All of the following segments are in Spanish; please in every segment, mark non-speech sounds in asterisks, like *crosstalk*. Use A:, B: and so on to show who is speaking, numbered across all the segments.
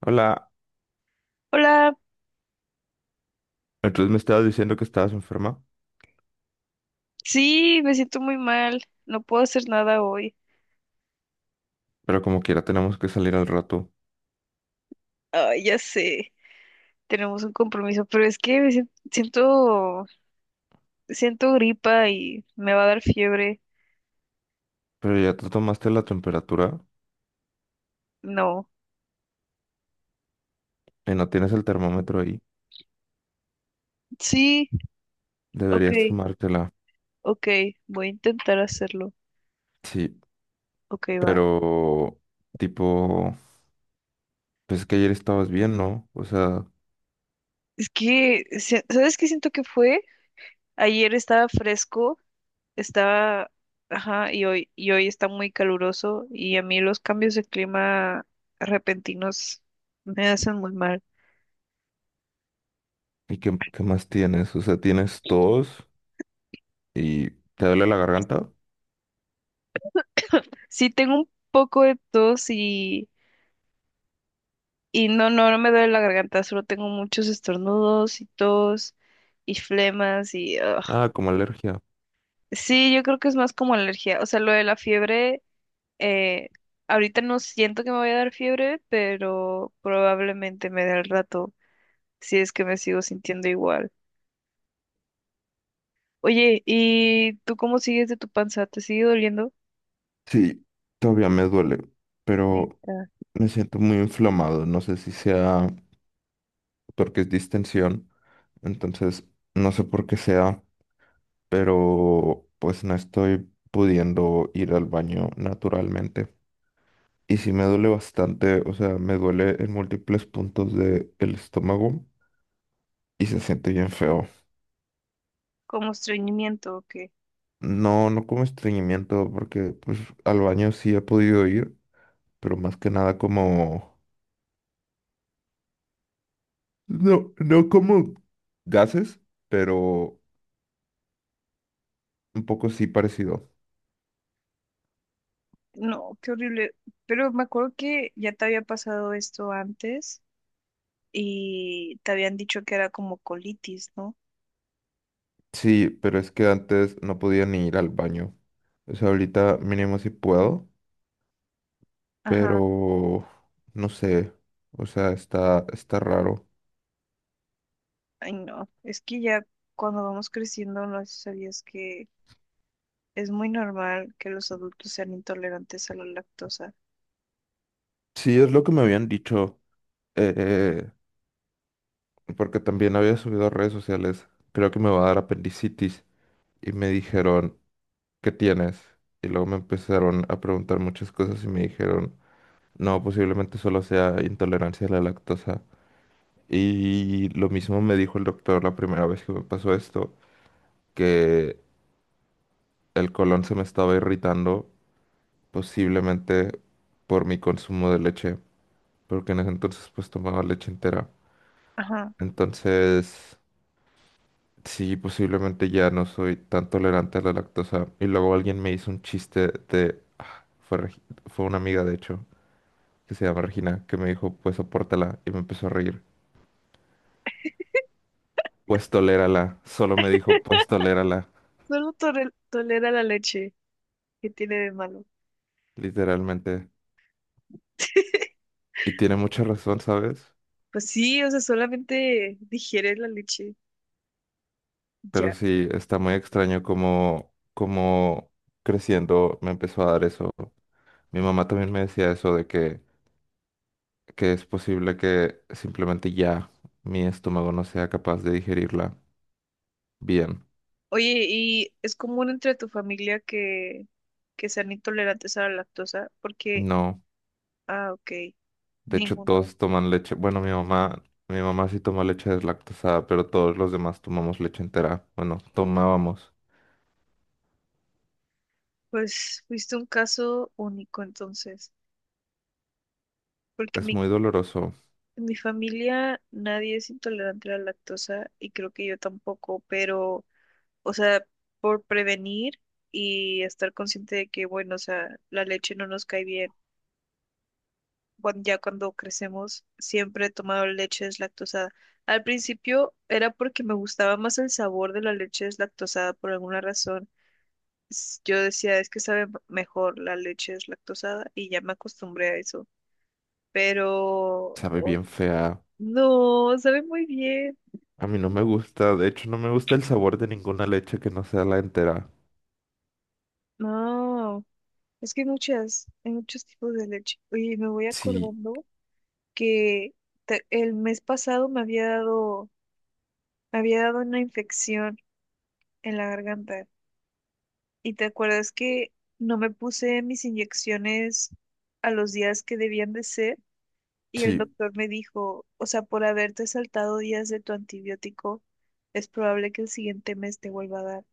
A: Hola,
B: Hola,
A: entonces me estabas diciendo que estabas enferma,
B: sí, me siento muy mal, no puedo hacer nada hoy.
A: pero como quiera tenemos que salir al rato.
B: Ay, ya sé, tenemos un compromiso, pero es que siento, siento gripa y me va a dar fiebre.
A: Pero ya te tomaste la temperatura
B: No,
A: y no tienes el termómetro ahí.
B: sí, ok,
A: Deberías tomártela.
B: ok, voy a intentar hacerlo.
A: Sí,
B: Ok, va.
A: pero tipo, pues que ayer estabas bien, ¿no? O sea,
B: Es que, ¿sabes qué siento que fue? Ayer estaba fresco, estaba, ajá, y hoy está muy caluroso y a mí los cambios de clima repentinos me hacen muy mal.
A: ¿y qué, qué más tienes? O sea, ¿tienes tos y te duele la garganta?
B: Sí, tengo un poco de tos y, no me duele la garganta, solo tengo muchos estornudos y tos y flemas y... ugh.
A: Ah, como alergia.
B: Sí, yo creo que es más como alergia. O sea, lo de la fiebre, eh, ahorita no siento que me vaya a dar fiebre, pero probablemente me dé al rato, si es que me sigo sintiendo igual. Oye, ¿y tú cómo sigues de tu panza? ¿Te sigue doliendo?
A: Sí, todavía me duele, pero
B: Neta.
A: me siento muy inflamado. No sé si sea porque es distensión. Entonces, no sé por qué sea, pero pues no estoy pudiendo ir al baño naturalmente. Y sí me duele bastante, o sea, me duele en múltiples puntos del estómago y se siente bien feo.
B: ¿Como estreñimiento o qué?
A: No, no como estreñimiento, porque pues al baño sí he podido ir, pero más que nada como... No, no como gases, pero un poco sí parecido.
B: No, qué horrible. Pero me acuerdo que ya te había pasado esto antes y te habían dicho que era como colitis, ¿no?
A: Sí, pero es que antes no podía ni ir al baño. O sea, ahorita mínimo sí puedo,
B: Ajá.
A: pero no sé. O sea, está raro.
B: Ay, no. Es que ya cuando vamos creciendo, no sé si sabías que es muy normal que los adultos sean intolerantes a la lactosa.
A: Sí, es lo que me habían dicho, eh, porque también había subido a redes sociales. Creo que me va a dar apendicitis. Y me dijeron, ¿qué tienes? Y luego me empezaron a preguntar muchas cosas y me dijeron, no, posiblemente solo sea intolerancia a la lactosa. Y lo mismo me dijo el doctor la primera vez que me pasó esto que el colon se me estaba irritando, posiblemente por mi consumo de leche, porque en ese entonces pues tomaba leche entera.
B: Ajá.
A: Entonces, sí, posiblemente ya no soy tan tolerante a la lactosa. Y luego alguien me hizo un chiste de... fue una amiga, de hecho, que se llama Regina, que me dijo, pues sopórtala, y me empezó a reír. Pues tolérala, solo me dijo, pues tolérala,
B: Solo tolera la leche. ¿Qué tiene de malo?
A: literalmente.
B: *laughs*
A: Y tiene mucha razón, ¿sabes?
B: Pues sí, o sea, solamente digiere la leche.
A: Pero
B: Ya.
A: sí, está muy extraño como creciendo me empezó a dar eso. Mi mamá también me decía eso de que es posible que simplemente ya mi estómago no sea capaz de digerirla bien.
B: Oye, ¿y es común entre tu familia que sean intolerantes a la lactosa? Porque,
A: No,
B: ah, ok,
A: de hecho
B: ninguno.
A: todos toman leche. Bueno, mi mamá sí toma leche deslactosada, pero todos los demás tomamos leche entera. Bueno, tomábamos.
B: Pues fuiste un caso único entonces, porque
A: Es muy doloroso,
B: en mi familia nadie es intolerante a la lactosa y creo que yo tampoco, pero, o sea, por prevenir y estar consciente de que, bueno, o sea, la leche no nos cae bien bueno, ya cuando crecemos, siempre he tomado leche deslactosada. Al principio era porque me gustaba más el sabor de la leche deslactosada por alguna razón. Yo decía, es que sabe mejor la leche deslactosada y ya me acostumbré a eso. Pero
A: sabe bien fea.
B: no, sabe muy bien.
A: A mí no me gusta, de hecho no me gusta el sabor de ninguna leche que no sea la entera.
B: No, es que hay hay muchos tipos de leche. Oye, me voy
A: Sí.
B: acordando que el mes pasado me había dado una infección en la garganta. ¿Y te acuerdas que no me puse mis inyecciones a los días que debían de ser? Y el
A: Sí,
B: doctor me dijo, o sea, por haberte saltado días de tu antibiótico, es probable que el siguiente mes te vuelva a dar.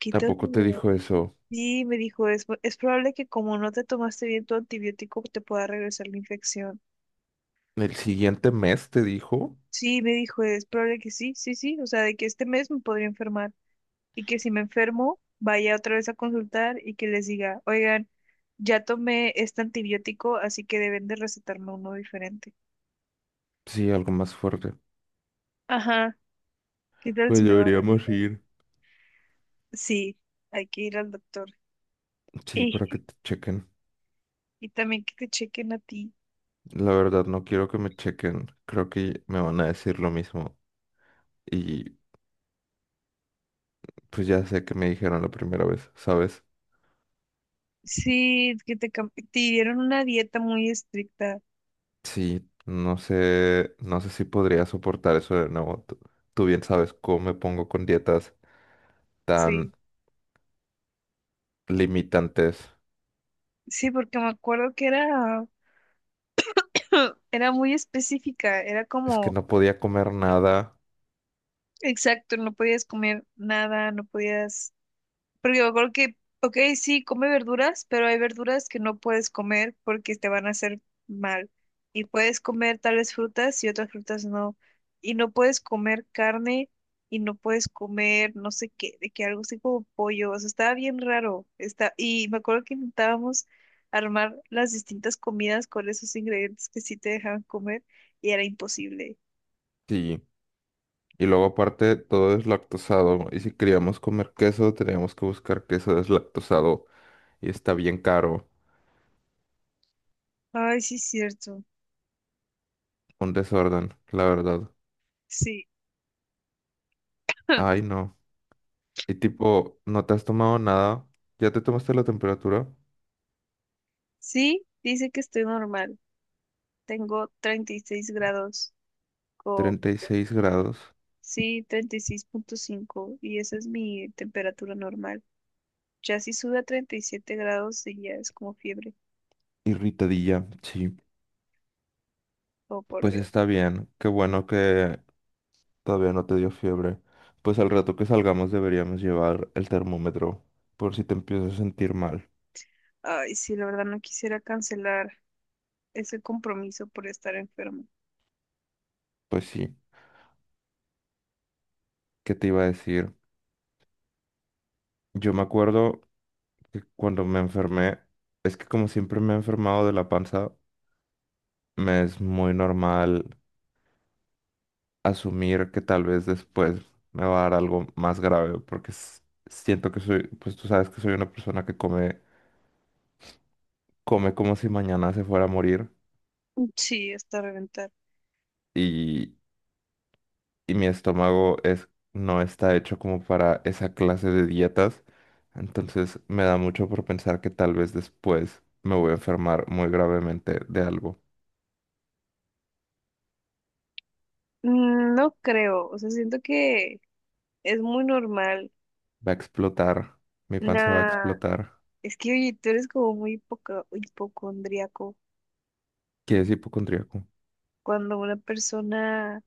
B: Quítate.
A: tampoco te dijo eso.
B: Sí, me dijo, es probable que como no te tomaste bien tu antibiótico, te pueda regresar la infección.
A: El siguiente mes te dijo.
B: Sí, me dijo, es probable que sí, o sea, de que este mes me podría enfermar. Y que si me enfermo, vaya otra vez a consultar y que les diga, oigan, ya tomé este antibiótico, así que deben de recetarme uno diferente.
A: Sí, algo más fuerte.
B: Ajá, ¿qué tal
A: Pues
B: si me va a
A: deberíamos
B: recetar?
A: ir.
B: Sí, hay que ir al doctor.
A: Sí,
B: Y,
A: para que te chequen.
B: y también que te chequen a ti.
A: La verdad, no quiero que me chequen. Creo que me van a decir lo mismo. Y pues ya sé que me dijeron la primera vez, ¿sabes?
B: Sí, que te, te dieron una dieta muy estricta.
A: Sí, no sé, no sé si podría soportar eso de nuevo. Tú bien sabes cómo me pongo con dietas
B: Sí,
A: tan limitantes.
B: sí, porque me acuerdo que era, *laughs* era muy específica, era
A: Es que
B: como,
A: no podía comer nada.
B: exacto, no podías comer nada, no podías. Porque me acuerdo que, ok, sí, come verduras, pero hay verduras que no puedes comer porque te van a hacer mal. Y puedes comer tales frutas y otras frutas no. Y no puedes comer carne y no puedes comer no sé qué, de que algo así como pollo. O sea, estaba bien raro. Está... Y me acuerdo que intentábamos armar las distintas comidas con esos ingredientes que sí te dejaban comer y era imposible.
A: Sí. Y luego aparte todo es lactosado. Y si queríamos comer queso, teníamos que buscar queso deslactosado. Y está bien caro.
B: Ay, sí, es cierto.
A: Un desorden, la verdad.
B: Sí. *laughs*
A: Ay, no. Y tipo, no te has tomado nada. Ya te tomaste la temperatura.
B: Sí, dice que estoy normal. Tengo 36 grados o
A: 36 grados.
B: sí, 36,5 y esa es mi temperatura normal. Ya si sube a 37 grados y ya es como fiebre.
A: Irritadilla. Sí.
B: Oh, por
A: Pues
B: Dios.
A: está bien. Qué bueno que todavía no te dio fiebre. Pues al rato que salgamos deberíamos llevar el termómetro. Por si te empiezas a sentir mal.
B: Ay, sí, la verdad no quisiera cancelar ese compromiso por estar enfermo.
A: Pues sí. ¿Qué te iba a decir? Yo me acuerdo que cuando me enfermé, es que como siempre me he enfermado de la panza, me es muy normal asumir que tal vez después me va a dar algo más grave, porque siento que soy, pues tú sabes que soy una persona que come, come como si mañana se fuera a morir
B: Sí, hasta reventar.
A: y, y mi estómago es, no está hecho como para esa clase de dietas, entonces me da mucho por pensar que tal vez después me voy a enfermar muy gravemente de algo.
B: Mm, no creo, o sea, siento que es muy normal.
A: Va a explotar. Mi panza va a
B: Nah,
A: explotar.
B: es que oye, tú eres como muy hipocondríaco.
A: ¿Qué es hipocondríaco?
B: Cuando una persona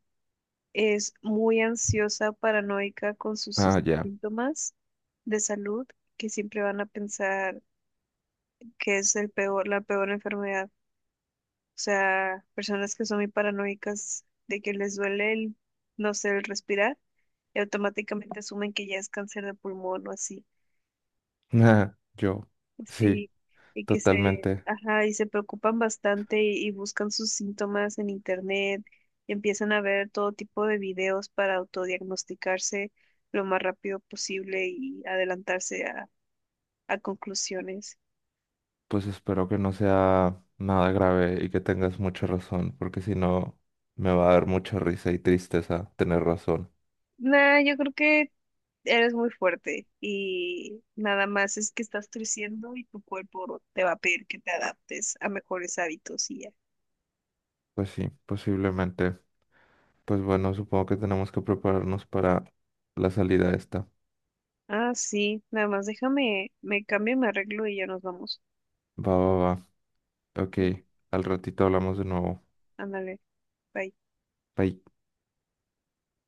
B: es muy ansiosa, paranoica con sus
A: Ah, ya.
B: síntomas de salud, que siempre van a pensar que es la peor enfermedad. O sea, personas que son muy paranoicas de que les duele no sé, el respirar, y automáticamente asumen que ya es cáncer de pulmón o así.
A: *laughs* Ah, yo. Sí,
B: Sí, y que se,
A: totalmente.
B: ajá, y se preocupan bastante y buscan sus síntomas en internet, y empiezan a ver todo tipo de videos para autodiagnosticarse lo más rápido posible y adelantarse a conclusiones.
A: Pues espero que no sea nada grave y que tengas mucha razón, porque si no, me va a dar mucha risa y tristeza tener razón.
B: Nah, yo creo que eres muy fuerte y nada más es que estás creciendo y tu cuerpo te va a pedir que te adaptes a mejores hábitos y ya.
A: Pues sí, posiblemente. Pues bueno, supongo que tenemos que prepararnos para la salida esta.
B: Ah, sí, nada más déjame, me cambio, me arreglo y ya nos vamos.
A: Va, va, va. Ok,
B: Sí.
A: al ratito hablamos de nuevo.
B: Ándale. Bye.
A: Bye.